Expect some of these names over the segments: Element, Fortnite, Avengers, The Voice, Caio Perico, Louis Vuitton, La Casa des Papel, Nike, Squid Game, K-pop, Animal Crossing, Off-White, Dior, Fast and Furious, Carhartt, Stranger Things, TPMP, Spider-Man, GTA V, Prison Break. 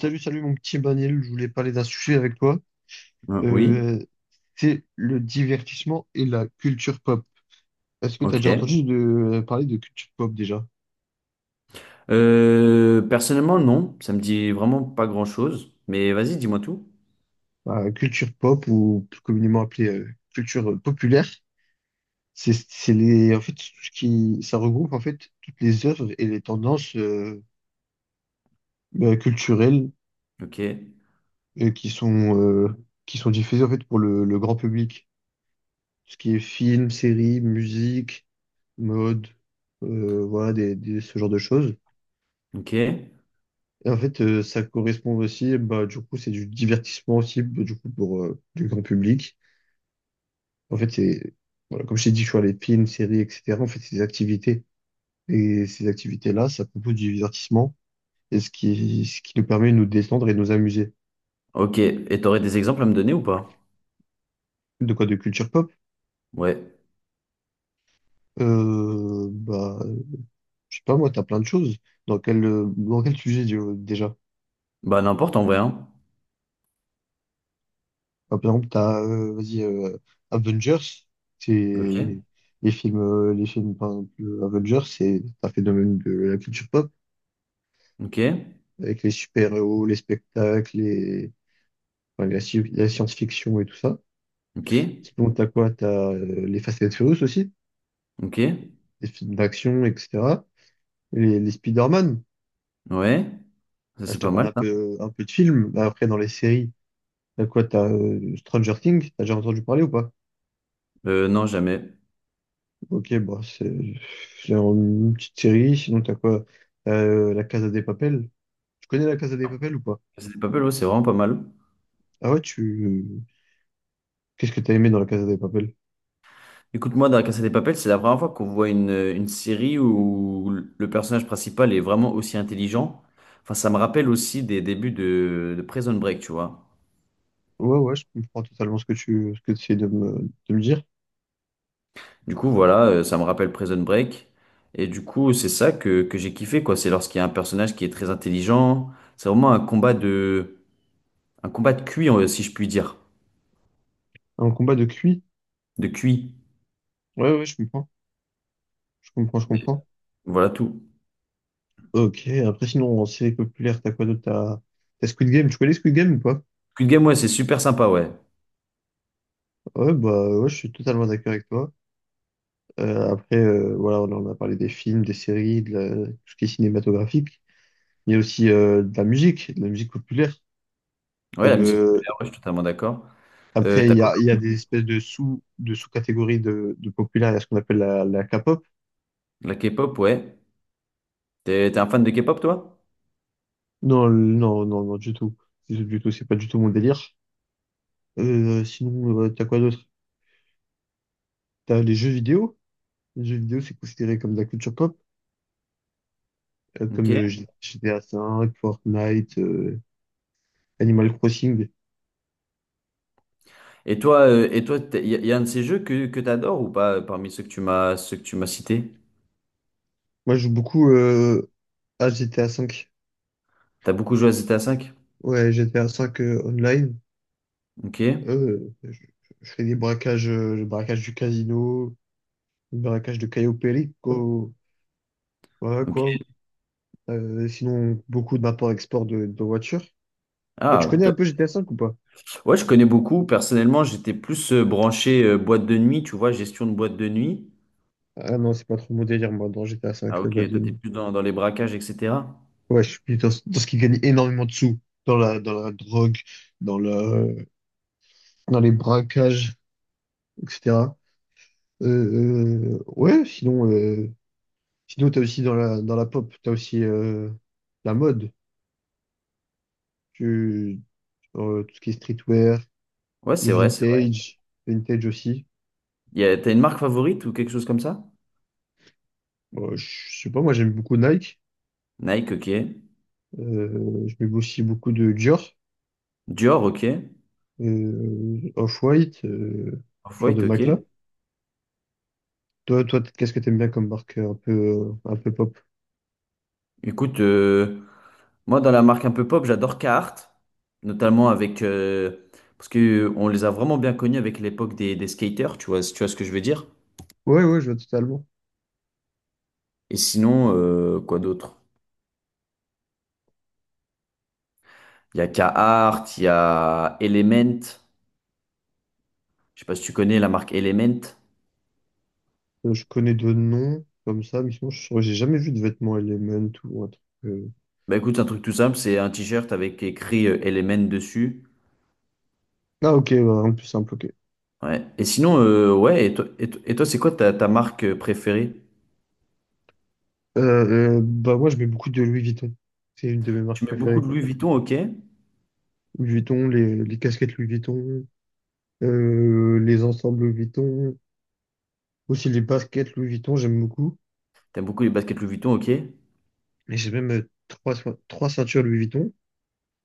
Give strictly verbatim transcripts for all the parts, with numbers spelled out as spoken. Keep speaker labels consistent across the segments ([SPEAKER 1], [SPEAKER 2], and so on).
[SPEAKER 1] Salut, salut mon petit Emmanuel, je voulais parler d'un sujet avec toi.
[SPEAKER 2] Euh, Oui,
[SPEAKER 1] Euh, c'est le divertissement et la culture pop. Est-ce que tu as déjà
[SPEAKER 2] ok.
[SPEAKER 1] entendu de, euh, parler de culture pop déjà?
[SPEAKER 2] Euh, personnellement, non, ça me dit vraiment pas grand-chose. Mais vas-y, dis-moi tout.
[SPEAKER 1] Bah, culture pop ou plus communément appelée euh, culture euh, populaire, c'est c'est les en fait ce qui ça regroupe en fait toutes les œuvres et les tendances euh, bah, culturelles
[SPEAKER 2] Ok,
[SPEAKER 1] euh, qui sont euh, qui sont diffusées en fait pour le, le grand public. Ce qui est film, série, musique, mode, euh, voilà, des, des- ce genre de choses.
[SPEAKER 2] ok,
[SPEAKER 1] Et en fait, euh, ça correspond aussi, bah, du coup, c'est du divertissement aussi, bah, du coup, pour euh, du grand public. En fait, c'est, voilà, comme je t'ai dit, tu vois, les films, séries, et cetera. En fait, c'est des activités. Et ces activités-là, ça propose du divertissement. Et ce qui, ce qui nous permet de nous détendre et de nous amuser.
[SPEAKER 2] ok. Et t'aurais des exemples à me donner ou pas?
[SPEAKER 1] De quoi? De culture pop?
[SPEAKER 2] Ouais.
[SPEAKER 1] Euh, bah, je sais pas, moi, t'as plein de choses. Dans quel, euh, dans quel sujet, euh, déjà?
[SPEAKER 2] Bah n'importe en vrai, hein.
[SPEAKER 1] Bah, par exemple, t'as, euh, vas-y, euh, Avengers, c'est
[SPEAKER 2] Ok,
[SPEAKER 1] les films, euh, les films, par exemple, euh, Avengers, c'est un phénomène de la culture pop,
[SPEAKER 2] ok,
[SPEAKER 1] avec les super-héros, les spectacles, les, enfin, la, sci- la science-fiction et tout ça.
[SPEAKER 2] ok,
[SPEAKER 1] Sinon, t'as quoi? T'as euh, les Fast and Furious aussi,
[SPEAKER 2] ok.
[SPEAKER 1] les films d'action, et cetera. Les, les Spider-Man.
[SPEAKER 2] Ouais, ça
[SPEAKER 1] Là, je
[SPEAKER 2] c'est
[SPEAKER 1] te
[SPEAKER 2] pas
[SPEAKER 1] parlais
[SPEAKER 2] mal
[SPEAKER 1] un
[SPEAKER 2] ça.
[SPEAKER 1] peu, un peu de films. Bah, après, dans les séries, t'as quoi? T'as euh, Stranger Things, t'as déjà entendu parler ou pas?
[SPEAKER 2] Euh, non, jamais.
[SPEAKER 1] Ok, bah, c'est c'est une petite série. Sinon, t'as quoi? Euh, La Casa des Papel. Tu connais La Casa des Papel ou pas?
[SPEAKER 2] C'est pas mal, ouais, c'est vraiment pas mal.
[SPEAKER 1] Ah ouais, tu. Qu'est-ce que t'as aimé dans La Casa des Papel?
[SPEAKER 2] Écoute, moi, dans La Casa des Papel, c'est la première fois qu'on voit une, une série où le personnage principal est vraiment aussi intelligent. Enfin, ça me rappelle aussi des débuts de, de Prison Break, tu vois.
[SPEAKER 1] Ouais, ouais, je comprends totalement ce que tu ce que tu essaies de me, de me dire.
[SPEAKER 2] Du coup, voilà, euh, ça me rappelle Prison Break. Et du coup, c'est ça que, que j'ai kiffé, quoi. C'est lorsqu'il y a un personnage qui est très intelligent. C'est vraiment un combat de, un combat de cuit, euh, si je puis dire.
[SPEAKER 1] Un combat de cuit?
[SPEAKER 2] De cuit.
[SPEAKER 1] Ouais, ouais, je comprends. Je comprends, je comprends.
[SPEAKER 2] Voilà tout.
[SPEAKER 1] Ok, après, sinon, en série populaire, t'as quoi d'autre? T'as t'as Squid Game. Tu connais Squid Game ou pas?
[SPEAKER 2] Cuit de game, ouais, c'est super sympa, ouais.
[SPEAKER 1] Ouais, bah, ouais, je suis totalement d'accord avec toi. Euh, après, euh, voilà, on en a parlé des films, des séries, de la- tout ce qui est cinématographique. Il y a aussi euh, de la musique, de la musique populaire.
[SPEAKER 2] Ouais, la
[SPEAKER 1] Comme
[SPEAKER 2] musique
[SPEAKER 1] euh,
[SPEAKER 2] populaire, ouais, je suis totalement d'accord. Euh,
[SPEAKER 1] après,
[SPEAKER 2] t'as
[SPEAKER 1] il y
[SPEAKER 2] quoi?
[SPEAKER 1] a, il y a des espèces de sous de sous-catégories de, de populaire. Il y a ce qu'on appelle la, la K-pop.
[SPEAKER 2] La K-pop, ouais. T'es t'es un fan de K-pop, toi?
[SPEAKER 1] Non, le- non, non, non, du tout, du du tout. C'est pas du tout mon délire. Euh, sinon, euh, t'as quoi d'autre? T'as les jeux vidéo. Les jeux vidéo, c'est considéré comme de la culture pop, euh,
[SPEAKER 2] Ok.
[SPEAKER 1] comme euh, G- GTA V, Fortnite, euh, Animal Crossing.
[SPEAKER 2] Et toi, euh, et toi, il y, a y a un de ces jeux que, que t'adores ou pas euh, parmi ceux que tu m'as ceux que tu m'as cités?
[SPEAKER 1] Moi, je joue beaucoup euh, à G T A V.
[SPEAKER 2] T'as beaucoup joué à G T A V V?
[SPEAKER 1] Ouais, G T A V euh, online.
[SPEAKER 2] Ok,
[SPEAKER 1] Euh, je, je fais des braquages, euh, le braquage du casino, le braquage de Caio Perico, voilà
[SPEAKER 2] ok.
[SPEAKER 1] quoi. Euh, sinon, beaucoup d'import-export de, de voitures. Et tu
[SPEAKER 2] Ah,
[SPEAKER 1] connais
[SPEAKER 2] t-
[SPEAKER 1] un peu G T A V ou pas?
[SPEAKER 2] ouais, je connais beaucoup. Personnellement, j'étais plus euh, branché euh, boîte de nuit, tu vois, gestion de boîte de nuit.
[SPEAKER 1] Ah non, c'est pas trop mon délire, moi, dans G T A V,
[SPEAKER 2] Ah
[SPEAKER 1] le
[SPEAKER 2] ok,
[SPEAKER 1] mode de
[SPEAKER 2] toi t'es
[SPEAKER 1] nuit.
[SPEAKER 2] plus dans, dans les braquages, et cetera.
[SPEAKER 1] Ouais, je suis plus dans, ce dans ce qui gagne énormément de sous, dans la, dans la drogue, dans la, dans les braquages, et cetera. Euh, euh, ouais, sinon, euh, sinon t'as aussi dans la, dans la pop, t'as aussi euh, la mode, tu, euh, tout ce qui est streetwear,
[SPEAKER 2] Ouais,
[SPEAKER 1] le
[SPEAKER 2] c'est vrai, c'est vrai.
[SPEAKER 1] vintage, vintage aussi.
[SPEAKER 2] Y a- T'as une marque favorite ou quelque chose comme ça?
[SPEAKER 1] Bon, je sais pas, moi j'aime beaucoup Nike.
[SPEAKER 2] Nike, ok.
[SPEAKER 1] Euh, je mets aussi beaucoup de Dior,
[SPEAKER 2] Dior, ok.
[SPEAKER 1] euh, Off-White, euh, ce genre de
[SPEAKER 2] Off-White, ok.
[SPEAKER 1] marque-là. Toi, toi, t- qu'est-ce que t'aimes bien comme marque euh, un peu, euh, un peu pop?
[SPEAKER 2] Écoute, euh, moi, dans la marque un peu pop, j'adore Carhartt, notamment avec... euh, parce que euh, on les a vraiment bien connus avec l'époque des, des skaters, tu vois, si tu vois ce que je veux dire.
[SPEAKER 1] Ouais, ouais, je vois totalement.
[SPEAKER 2] Et sinon, euh, quoi d'autre? Il y a Carhartt, il y a Element. Je sais pas si tu connais la marque Element.
[SPEAKER 1] Euh, je connais de noms comme ça, mais sinon, je saurais- j'ai jamais vu de vêtements Element ou un truc, euh.
[SPEAKER 2] Bah écoute, c'est un truc tout simple, c'est un t-shirt avec écrit euh, Element dessus.
[SPEAKER 1] Ah, ok, bah, un plus simple, ok.
[SPEAKER 2] Ouais. Et sinon, euh, ouais, et toi, et toi, et toi, c'est quoi ta, ta marque euh, préférée?
[SPEAKER 1] Euh, euh, bah, moi, je mets beaucoup de Louis Vuitton. C'est une de mes marques
[SPEAKER 2] Tu mets beaucoup
[SPEAKER 1] préférées.
[SPEAKER 2] de Louis Vuitton, ok. T'aimes
[SPEAKER 1] Louis Vuitton, les, les casquettes Louis Vuitton, euh, les ensembles Louis Vuitton. Aussi les baskets Louis Vuitton, j'aime beaucoup.
[SPEAKER 2] beaucoup les baskets Louis Vuitton, ok.
[SPEAKER 1] Et j'ai même euh, trois, so- trois ceintures Louis Vuitton.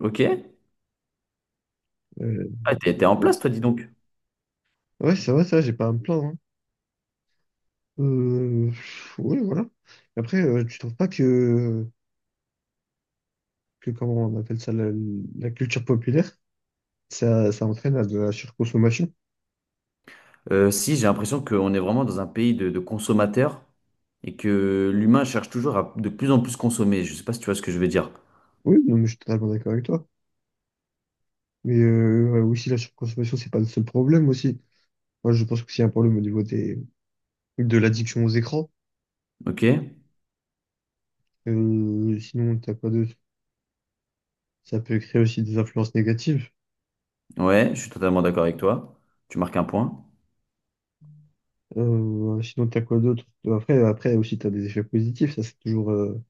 [SPEAKER 2] Ok.
[SPEAKER 1] Euh,
[SPEAKER 2] Ah, t'es t'es en
[SPEAKER 1] euh,
[SPEAKER 2] place,
[SPEAKER 1] c-
[SPEAKER 2] toi, dis donc.
[SPEAKER 1] ouais, ça va, ça, j'ai pas à me plaindre, hein. Euh, oui, voilà. Après, euh, tu trouves pas que, que comment on appelle ça, la, la culture populaire, ça, ça entraîne à de la surconsommation?
[SPEAKER 2] Euh, si, j'ai l'impression qu'on est vraiment dans un pays de, de consommateurs et que l'humain cherche toujours à de plus en plus consommer. Je sais pas si tu vois ce que je veux dire.
[SPEAKER 1] Oui, non, mais je suis totalement d'accord avec toi. Mais euh, ouais, aussi, la surconsommation, c'est pas le seul problème aussi. Moi, je pense que c'est un problème au niveau des, de l'addiction aux écrans.
[SPEAKER 2] Ok?
[SPEAKER 1] Euh, sinon, t'as pas de... Ça peut créer aussi des influences négatives.
[SPEAKER 2] Ouais, je suis totalement d'accord avec toi. Tu marques un point.
[SPEAKER 1] Euh, sinon, t'as quoi d'autre? Après, après aussi, t'as des effets positifs. Ça, c'est toujours euh,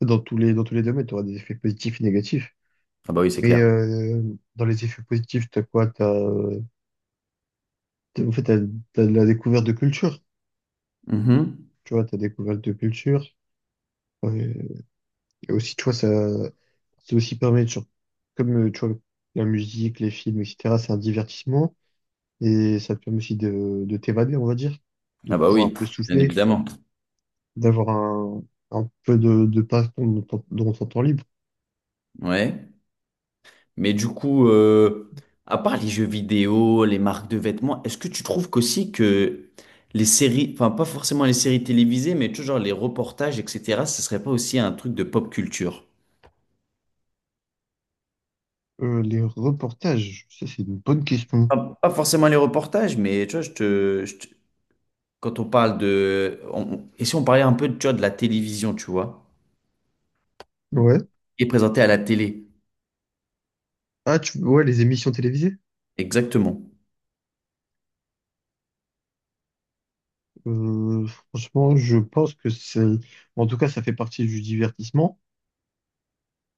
[SPEAKER 1] dans tous les dans tous les domaines, t'auras des effets positifs et négatifs.
[SPEAKER 2] Ah bah oui, c'est
[SPEAKER 1] Mais
[SPEAKER 2] clair.
[SPEAKER 1] euh, dans les effets positifs, t'as quoi? T'as, euh, t'as- en fait, t'as, t'as de la découverte de culture.
[SPEAKER 2] Mhm.
[SPEAKER 1] Tu vois, t'as découverte de culture. Ouais. Et aussi, tu vois, ça, ça aussi permet de, sur- comme euh, tu vois, la musique, les films, et cetera. C'est un divertissement et ça te permet aussi de, de t'évader, on va dire, de
[SPEAKER 2] Ah bah
[SPEAKER 1] pouvoir un
[SPEAKER 2] oui,
[SPEAKER 1] peu
[SPEAKER 2] bien
[SPEAKER 1] souffler,
[SPEAKER 2] évidemment.
[SPEAKER 1] d'avoir un, un peu de, de passe-temps dans ton dans ton temps libre.
[SPEAKER 2] Ouais. Mais du coup, euh, à part les jeux vidéo, les marques de vêtements, est-ce que tu trouves qu'aussi que les séries, enfin pas forcément les séries télévisées, mais toujours les reportages, et cetera, ce serait pas aussi un truc de pop culture?
[SPEAKER 1] Euh, les reportages, ça c'est une bonne question.
[SPEAKER 2] Pas pas forcément les reportages, mais tu vois, je te, je te- quand on parle de... on- et si on parlait un peu, tu vois, de la télévision, tu vois,
[SPEAKER 1] Ouais.
[SPEAKER 2] et présenté à la télé.
[SPEAKER 1] Ah, tu, ouais, les émissions télévisées.
[SPEAKER 2] Exactement.
[SPEAKER 1] Euh, franchement, je pense que c'est, en tout cas, ça fait partie du divertissement.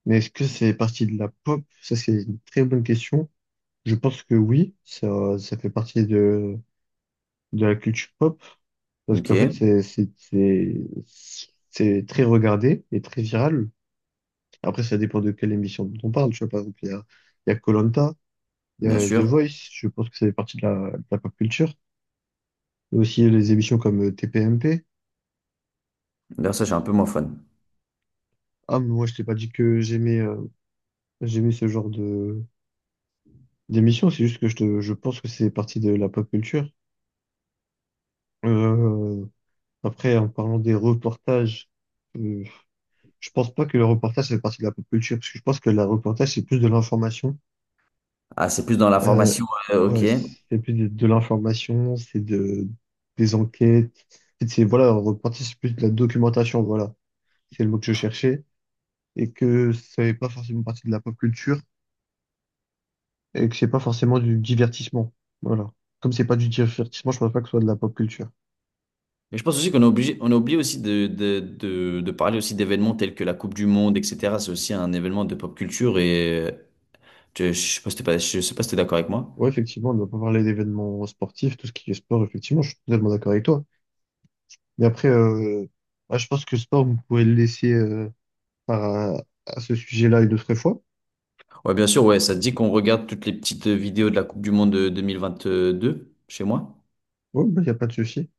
[SPEAKER 1] Mais est-ce que c'est partie de la pop? Ça, c'est une très bonne question. Je pense que oui, ça, ça fait partie de, de la culture pop. Parce
[SPEAKER 2] Ok,
[SPEAKER 1] qu'en fait, c'est, c'est, c'est, c'est très regardé et très viral. Après, ça dépend de quelle émission dont on parle. Tu vois, par exemple, il y a, il y a koh il y
[SPEAKER 2] bien
[SPEAKER 1] a The
[SPEAKER 2] sûr.
[SPEAKER 1] Voice. Je pense que ça fait partie de la, de la pop culture. Il y a aussi les émissions comme euh, T P M P.
[SPEAKER 2] D'ailleurs, ça, j'ai un peu moins fun.
[SPEAKER 1] Ah, mais moi, je t'ai pas dit que j'aimais euh, j'aimais ce genre de d'émission. C'est juste que je, te- je pense que c'est partie de la pop culture. Euh, après, en parlant des reportages, euh, je pense pas que le reportage ça fait partie de la pop culture parce que je pense que le reportage c'est plus de l'information.
[SPEAKER 2] Ah, c'est plus dans la
[SPEAKER 1] Euh,
[SPEAKER 2] formation, euh, ok.
[SPEAKER 1] ouais,
[SPEAKER 2] Et
[SPEAKER 1] c'est plus de, de l'information, c'est de, des enquêtes. En fait, c'est, voilà, on repartit plus de la documentation, voilà. C'est le mot que je cherchais. Et que ça n'est pas forcément partie de la pop culture et que c'est pas forcément du divertissement. Voilà. Comme c'est pas du divertissement, je pense pas que ce soit de la pop culture.
[SPEAKER 2] je pense aussi qu'on est obligé, on a oublié aussi de, de, de, de parler aussi d'événements tels que la Coupe du Monde, et cetera. C'est aussi un événement de pop culture et... euh, Je, je sais pas si t'es pas- je sais pas si t'es d'accord avec moi.
[SPEAKER 1] Ouais, effectivement, on ne doit pas parler d'événements sportifs, tout ce qui est sport, effectivement, je suis totalement d'accord avec toi. Mais après, euh, bah, je pense que sport, vous pouvez le laisser euh, par, à, à ce sujet-là une autre fois.
[SPEAKER 2] Ouais, bien sûr, ouais, ça te dit qu'on regarde toutes les petites vidéos de la Coupe du Monde de deux mille vingt deux chez moi?
[SPEAKER 1] Ouais, il n'y a pas de souci.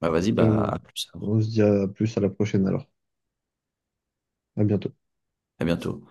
[SPEAKER 2] Bah vas-y, bah
[SPEAKER 1] Euh,
[SPEAKER 2] à plus alors.
[SPEAKER 1] on se dit à plus à la prochaine alors. À bientôt.
[SPEAKER 2] À bientôt.